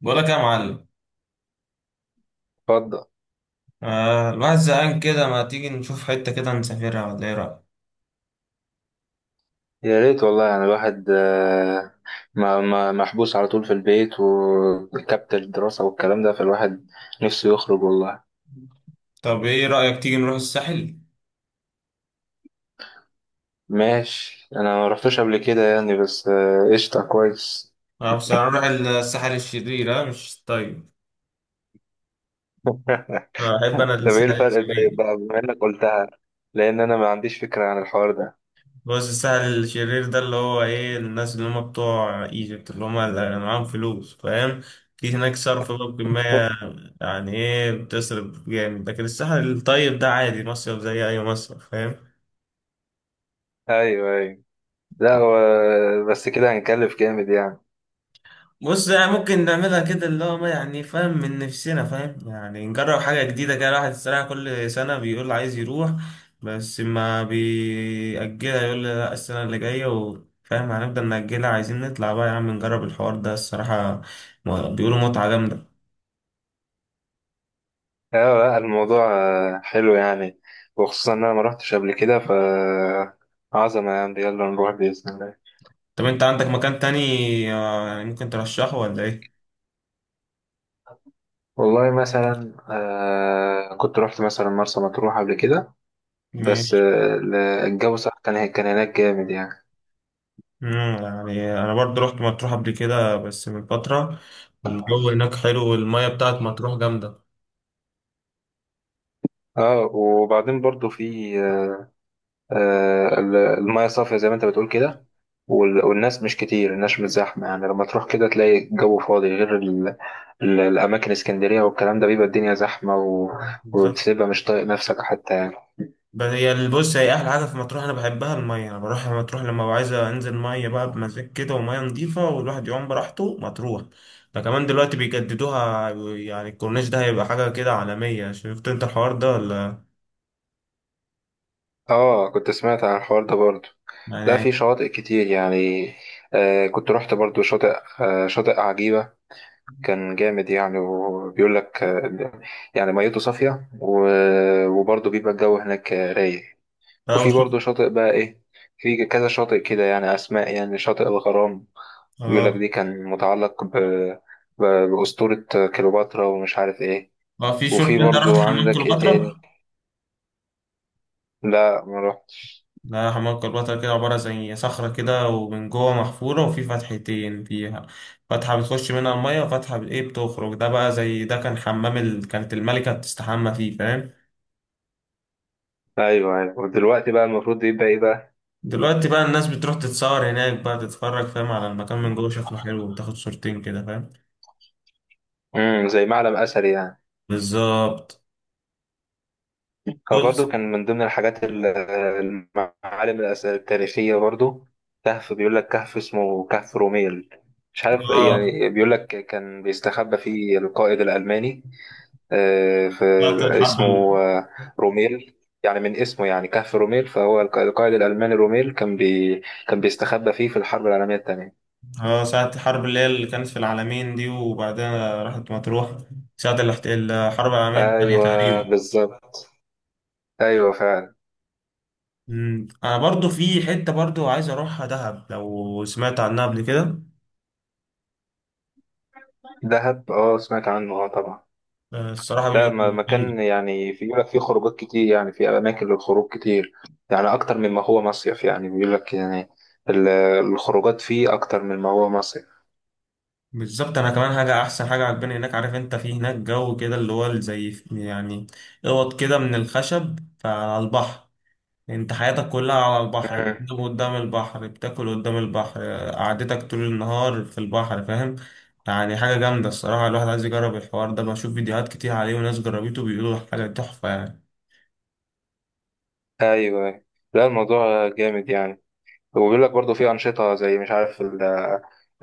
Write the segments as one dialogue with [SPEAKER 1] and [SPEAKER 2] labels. [SPEAKER 1] بقولك يا معلم.
[SPEAKER 2] اتفضل.
[SPEAKER 1] آه، الواحد زهقان كده، ما تيجي نشوف حتة كده نسافرها ولا ايه رأيك؟
[SPEAKER 2] يا ريت والله، يعني الواحد ما محبوس على طول في البيت، وكبت الدراسة والكلام ده، فالواحد نفسه يخرج والله.
[SPEAKER 1] طب ايه رأيك تيجي نروح الساحل؟
[SPEAKER 2] ماشي، انا ما رحتش قبل كده يعني، بس قشطة كويس.
[SPEAKER 1] آه بس هنروح الساحل الشرير، اه مش طيب. أحب أنا
[SPEAKER 2] طب ايه
[SPEAKER 1] الساحل
[SPEAKER 2] الفرق طيب
[SPEAKER 1] الشرير.
[SPEAKER 2] بقى، بما انك قلتها، لان انا ما عنديش فكرة عن الحوار ده.
[SPEAKER 1] بص، الساحل الشرير ده اللي هو ايه، الناس اللي هم بتوع ايجيبت، اللي هم اللي معاهم فلوس، فاهم؟ في هناك صرف بقى بكمية. يعني ايه، بتصرف جامد، لكن الساحل الطيب ده عادي، مصيف زي أي مصيف، فاهم؟
[SPEAKER 2] ايوه، ايوه. لا هو بس كده هنكلف جامد يعني.
[SPEAKER 1] بص، يعني ممكن نعملها كده، اللي هو ما يعني فاهم، من نفسنا فاهم، يعني نجرب حاجة جديدة كده. الواحد الصراحة كل سنة بيقول عايز يروح بس ما بيأجلها، يقول لي لا السنة اللي جاية، وفاهم هنفضل نأجلها. عايزين نطلع بقى يا عم، نجرب الحوار ده الصراحة. بيقولوا متعة جامدة.
[SPEAKER 2] اه، لا الموضوع حلو يعني، وخصوصا ان انا ما رحتش قبل كده، ف عظمة يعني. يلا نروح بإذن الله.
[SPEAKER 1] طب انت عندك مكان تاني؟ يعني ممكن ترشحه ولا ايه؟
[SPEAKER 2] والله مثلا، كنت رحت مثلا مرسى مطروح قبل كده، بس
[SPEAKER 1] ماشي.
[SPEAKER 2] الجو صح، كان هناك جامد يعني.
[SPEAKER 1] يعني انا برضو رحت مطروح قبل كده بس من فترة. الجو هناك حلو، والمية بتاعت مطروح جامدة.
[SPEAKER 2] اه، وبعدين برضو في المية صافية زي ما انت بتقول كده. والناس مش كتير، الناس مش زحمة يعني. لما تروح كده تلاقي الجو فاضي، غير الأماكن، اسكندرية والكلام ده بيبقى الدنيا زحمة، و... وتبقى مش طايق نفسك حتى يعني.
[SPEAKER 1] بس هي بص، هي احلى حاجه في مطروح انا بحبها الميه. انا بروح مطروح لما ببقى عايز انزل ميه بقى بمزاج كده، وميه نظيفه، والواحد يعوم براحته. مطروح ده كمان دلوقتي بيجددوها، يعني الكورنيش ده هيبقى حاجه كده عالميه. شفت انت الحوار ده ولا؟
[SPEAKER 2] اه، كنت سمعت عن الحوار ده برضو. ده في
[SPEAKER 1] يعني.
[SPEAKER 2] شواطئ كتير يعني، آه كنت رحت برضو شاطئ عجيبة. كان جامد يعني، وبيقول لك يعني ميته صافية، و... وبرضه بيبقى الجو هناك رايق.
[SPEAKER 1] اه
[SPEAKER 2] وفي
[SPEAKER 1] شفت.
[SPEAKER 2] برضه شاطئ بقى ايه، في كذا شاطئ كده يعني، اسماء يعني شاطئ الغرام. بيقول لك
[SPEAKER 1] اه.
[SPEAKER 2] دي كان متعلق بأسطورة كليوباترا، ومش عارف ايه.
[SPEAKER 1] اه في،
[SPEAKER 2] وفي
[SPEAKER 1] شفت انت رحت
[SPEAKER 2] برضه
[SPEAKER 1] حمام
[SPEAKER 2] عندك ايه تاني؟
[SPEAKER 1] كليوباترا؟
[SPEAKER 2] لا ما رحت.
[SPEAKER 1] لا حمام كليوباترا كده عباره زي صخره كده، ومن جوه محفوره، وفي فتحتين فيها، فتحة بتخش منها المية وفتحة ايه بتخرج. ده بقى زي، ده كان حمام ال... كانت الملكة بتستحمى فيه، فاهم؟
[SPEAKER 2] ايوه، ايوه، ودلوقتي بقى المفروض يبقى ايه بقى؟
[SPEAKER 1] دلوقتي بقى الناس بتروح تتصور هناك بقى، تتفرج فاهم على المكان من جوه، شكله حلو، وتاخد صورتين كده، فاهم؟
[SPEAKER 2] زي معلم اثري يعني.
[SPEAKER 1] بالظبط.
[SPEAKER 2] هو برضه
[SPEAKER 1] بص.
[SPEAKER 2] كان من ضمن الحاجات المعالم التاريخية برضه. كهف، بيقول لك كهف اسمه كهف روميل. مش عارف،
[SPEAKER 1] اه
[SPEAKER 2] يعني بيقول لك كان بيستخبى فيه القائد الألماني. في
[SPEAKER 1] ساعة الحرب ال-،
[SPEAKER 2] اسمه آه، روميل. يعني من اسمه يعني كهف روميل، فهو القائد الألماني روميل كان بيستخبى فيه في الحرب العالمية الثانية.
[SPEAKER 1] اه ساعة الحرب اللي هي اللي كانت في العالمين دي، وبعدها راحت مطروح. ساعة الحرب العالمية الثانية
[SPEAKER 2] أيوه
[SPEAKER 1] تقريبا.
[SPEAKER 2] بالظبط، أيوه فعلا.
[SPEAKER 1] مم. انا برضو في حتة برضو عايز اروحها، دهب، لو سمعت عنها قبل كده.
[SPEAKER 2] دهب، أه سمعت عنه، أه طبعا.
[SPEAKER 1] الصراحة
[SPEAKER 2] لا،
[SPEAKER 1] بيقولوا جامدة.
[SPEAKER 2] مكان يعني، في يقول لك فيه خروجات كتير يعني، في أماكن للخروج كتير، يعني أكتر مما هو مصيف، يعني بيقول لك يعني ال- الخروجات فيه أكتر مما هو مصيف.
[SPEAKER 1] بالظبط. انا كمان حاجه، احسن حاجه عجباني هناك، عارف انت، في هناك جو كده اللي هو زي يعني اوض كده من الخشب، فعلى البحر، انت حياتك كلها على البحر،
[SPEAKER 2] مم.
[SPEAKER 1] بتنام قدام البحر، بتاكل قدام البحر، قعدتك طول النهار في البحر، فاهم؟ يعني حاجه جامده الصراحه، الواحد عايز يجرب الحوار ده. بشوف فيديوهات كتير عليه، وناس جربته بيقولوا حاجه تحفه يعني.
[SPEAKER 2] أيوه، لا الموضوع جامد يعني. وبيقول لك برضه في أنشطة، زي مش عارف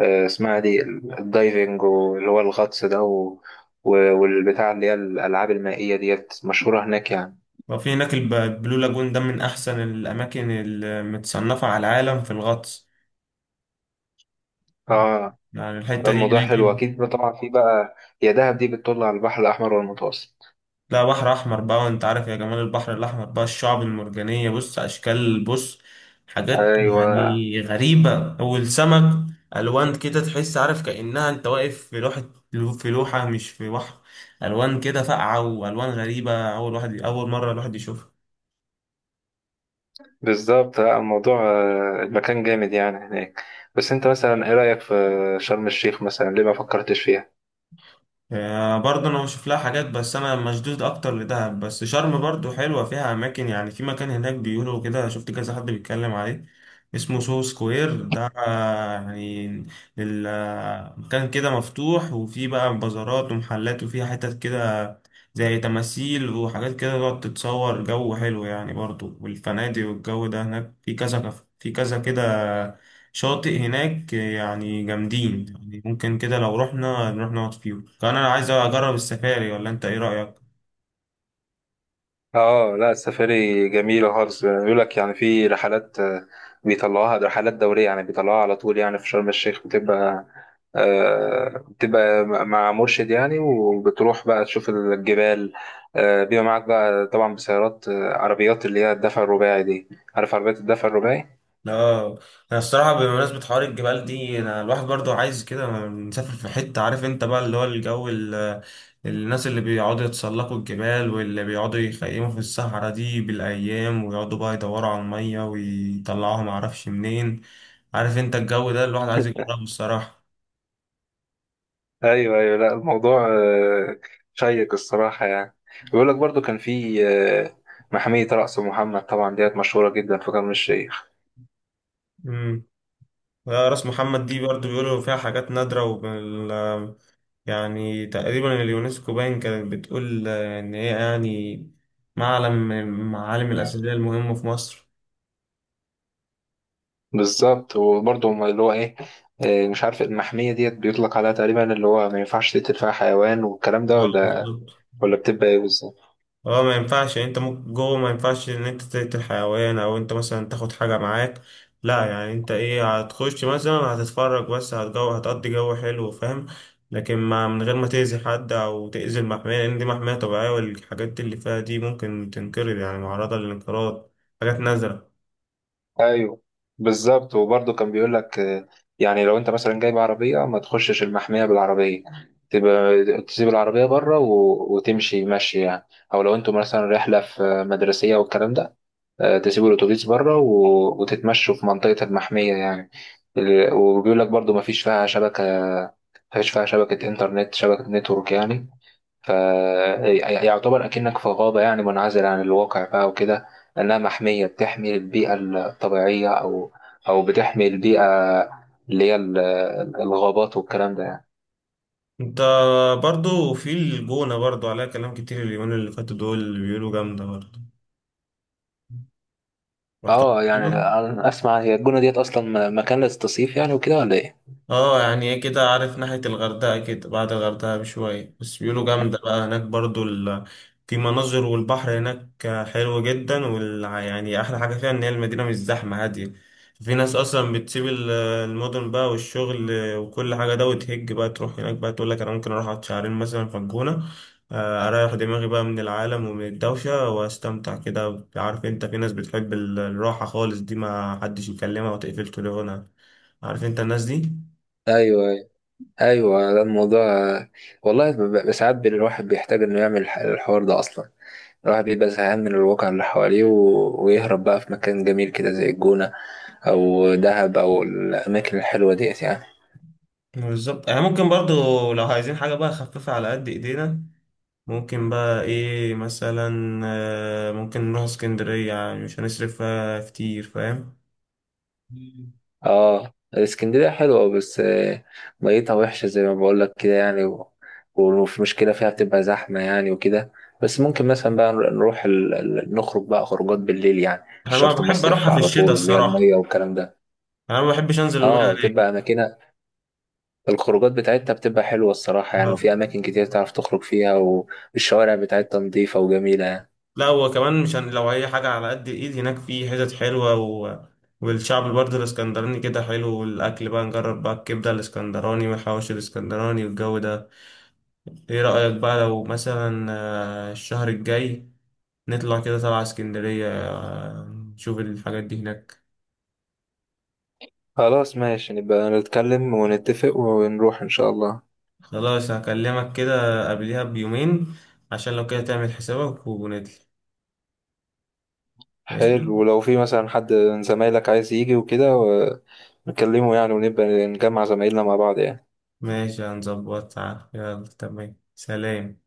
[SPEAKER 2] اسمها دي الدايفنج، واللي هو الغطس ده، والبتاع اللي هي الألعاب المائية ديت، مشهورة هناك يعني.
[SPEAKER 1] وفي هناك البلو لاجون ده من احسن الاماكن المتصنفه على العالم في الغطس،
[SPEAKER 2] اه،
[SPEAKER 1] يعني الحتة دي.
[SPEAKER 2] الموضوع حلو أكيد بقى. طبعا في بقى، يا دهب دي بتطل على البحر الأحمر والمتوسط.
[SPEAKER 1] لا بحر احمر بقى، وانت عارف يا جمال البحر الاحمر بقى، الشعب المرجانيه، بص اشكال، بص حاجات
[SPEAKER 2] أيوه
[SPEAKER 1] يعني غريبه، والسمك الوان كده، تحس عارف كانها انت واقف في لوحه، في لوحه مش في بحر. الوان كده فاقعه والوان غريبه، اول واحد اول مره الواحد يشوفها.
[SPEAKER 2] بالظبط، الموضوع المكان جامد يعني هناك. بس أنت مثلا إيه رأيك في شرم الشيخ مثلا، ليه ما فكرتش فيها؟
[SPEAKER 1] برضه انا بشوف لها حاجات، بس انا مشدود اكتر لدهب. بس شرم برضه حلوه، فيها اماكن يعني، في مكان هناك بيقولوا كده، شفت كذا حد بيتكلم عليه، اسمه سو سكوير ده. يعني مكان كده مفتوح، وفيه بقى بازارات ومحلات، وفيها حتت كده زي تماثيل وحاجات كده تقعد تتصور، جو حلو يعني برضه، والفنادق والجو ده هناك. في كذا كده شاطئ هناك يعني جامدين، يعني ممكن كده لو رحنا نروح نقعد فيهم. كان انا عايز اجرب السفاري، ولا انت ايه رأيك؟
[SPEAKER 2] اه، لا السفاري جميلة خالص، بيقول لك يعني في رحلات بيطلعوها، ده رحلات دورية يعني، بيطلعوها على طول يعني. في شرم الشيخ بتبقى بتبقى مع مرشد يعني، وبتروح بقى تشوف الجبال. بيبقى معاك بقى طبعا بسيارات، عربيات اللي هي الدفع الرباعي دي. عارف عربيات الدفع الرباعي؟
[SPEAKER 1] لا، انا الصراحه بمناسبه حوار الجبال دي، انا الواحد برضو عايز كده نسافر في حته، عارف انت بقى اللي هو الجو الناس اللي بيقعدوا يتسلقوا الجبال، واللي بيقعدوا يخيموا في الصحراء دي بالايام، ويقعدوا بقى يدوروا على الميه ويطلعوها معرفش منين. عارف انت الجو ده، الواحد عايز يجربه الصراحه.
[SPEAKER 2] ايوه، ايوه. لا الموضوع شيق الصراحه يعني. بيقول لك برضو كان في محمية رأس محمد، طبعا ديت مشهورة جدا في شرم الشيخ.
[SPEAKER 1] راس محمد دي برضو بيقولوا فيها حاجات نادرة، وبال، يعني تقريبا اليونسكو باين كانت بتقول إن هي يعني معلم من المعالم الأثرية المهمة في مصر.
[SPEAKER 2] بالظبط، وبرضه هما اللي هو ايه، مش عارف، المحمية ديت بيطلق عليها تقريبا اللي هو ما ينفعش تقتل فيها حيوان والكلام ده، ولا
[SPEAKER 1] بالظبط.
[SPEAKER 2] ولا بتبقى ايه بالظبط؟
[SPEAKER 1] اه ما ينفعش، يعني انت ممكن جوه ما ينفعش ان انت تقتل حيوان، او انت مثلا تاخد حاجة معاك. لا يعني انت ايه، هتخش مثلا هتتفرج بس، هتجو هتقضي جو حلو، فاهم؟ لكن ما من غير ما تأذي حد او تأذي المحمية، لان دي محمية طبيعية، والحاجات اللي فيها دي ممكن تنقرض، يعني معرضة للانقراض، حاجات نادرة.
[SPEAKER 2] ايوه بالظبط، وبرضه كان بيقول لك يعني لو انت مثلا جايب عربية، ما تخشش المحمية بالعربية، تبقى تسيب العربية بره، و... وتمشي مشي يعني. او لو انتوا مثلا رحلة في مدرسية والكلام ده، تسيبوا الأتوبيس بره، وتتمشوا في منطقة المحمية يعني. وبيقول لك برضو مفيش فيها شبكة، مفيش فيها شبكة إنترنت، شبكة نتورك يعني. فيعتبر أكنك في غابة يعني، منعزل عن الواقع بقى وكده. لأنها محمية بتحمي البيئة الطبيعية، أو أو بتحمي البيئة اللي هي الغابات والكلام ده يعني.
[SPEAKER 1] انت برضو في الجونة برضو عليها كلام كتير اليومين اللي فاتوا دول، اللي بيقولوا جامدة برضو. رحت قبل
[SPEAKER 2] اه، يعني
[SPEAKER 1] كده؟
[SPEAKER 2] أنا أسمع، هي الجونة ديت أصلا مكان للتصيف يعني وكده، ولا إيه؟
[SPEAKER 1] اه يعني ايه كده، عارف ناحية الغردقة كده، بعد الغردقة بشوية. بس بيقولوا جامدة بقى هناك برضو ال... في مناظر، والبحر هناك حلو جدا، وال... يعني أحلى حاجة فيها إن هي المدينة مش زحمة، هادية. في ناس أصلا بتسيب المدن بقى والشغل وكل حاجة ده، وتهج بقى تروح هناك بقى، تقول لك أنا ممكن أروح أقعد شهرين مثلا في الجونة، أريح دماغي بقى من العالم ومن الدوشة، وأستمتع كده. عارف أنت في ناس بتحب الراحة خالص دي، ما حدش يكلمها وتقفل تليفونها، عارف أنت الناس دي.
[SPEAKER 2] أيوه، ايوه، ده الموضوع والله. ساعات الواحد بيحتاج انه يعمل الحوار ده اصلا. الواحد بيبقى زهقان من الواقع اللي حواليه، ويهرب بقى في مكان جميل كده زي الجونة، او دهب، او الاماكن الحلوة ديت يعني.
[SPEAKER 1] بالظبط. يعني ممكن برضو لو عايزين حاجة بقى خفيفة على قد ايدينا، ممكن بقى ايه مثلا، ممكن نروح اسكندرية، يعني مش هنصرف فيها كتير، فاهم؟ مم.
[SPEAKER 2] اه، اسكندرية حلوة بس ميتها وحشة زي ما بقول لك كده يعني، و- وفي مشكلة فيها بتبقى زحمة يعني وكده. بس ممكن مثلا بقى نروح نخرج بقى خروجات بالليل يعني، مش
[SPEAKER 1] انا ما
[SPEAKER 2] شرط
[SPEAKER 1] بحب
[SPEAKER 2] مصيف
[SPEAKER 1] اروحها في
[SPEAKER 2] على
[SPEAKER 1] الشتاء
[SPEAKER 2] طول اللي هي
[SPEAKER 1] الصراحة.
[SPEAKER 2] المية والكلام ده.
[SPEAKER 1] انا ما بحبش انزل المية
[SPEAKER 2] اه،
[SPEAKER 1] هناك.
[SPEAKER 2] تبقى اماكنها، الخروجات بتاعتها بتبقى حلوة الصراحة يعني،
[SPEAKER 1] لا.
[SPEAKER 2] وفي أماكن كتير تعرف تخرج فيها، والشوارع بتاعتها نضيفة وجميلة يعني.
[SPEAKER 1] لا، هو كمان مش هن... لو اي حاجة على قد الايد، هناك في حتت حلوة و... والشعب برضه الاسكندراني كده حلو، والاكل بقى، نجرب بقى الكبدة الاسكندراني والحواوشي الاسكندراني والجو ده. ايه رأيك بقى لو مثلا الشهر الجاي نطلع كده طلعة اسكندرية، نشوف الحاجات دي هناك.
[SPEAKER 2] خلاص ماشي، نبقى نتكلم ونتفق ونروح إن شاء الله.
[SPEAKER 1] خلاص هكلمك كده قبلها بيومين، عشان لو كده تعمل حسابك ونطلع. ماشي.
[SPEAKER 2] حلو، ولو في مثلا حد من زمايلك عايز يجي وكده، نكلمه يعني، ونبقى نجمع زمايلنا مع بعض يعني.
[SPEAKER 1] ماشي هنظبطها، يلا تمام، سلام.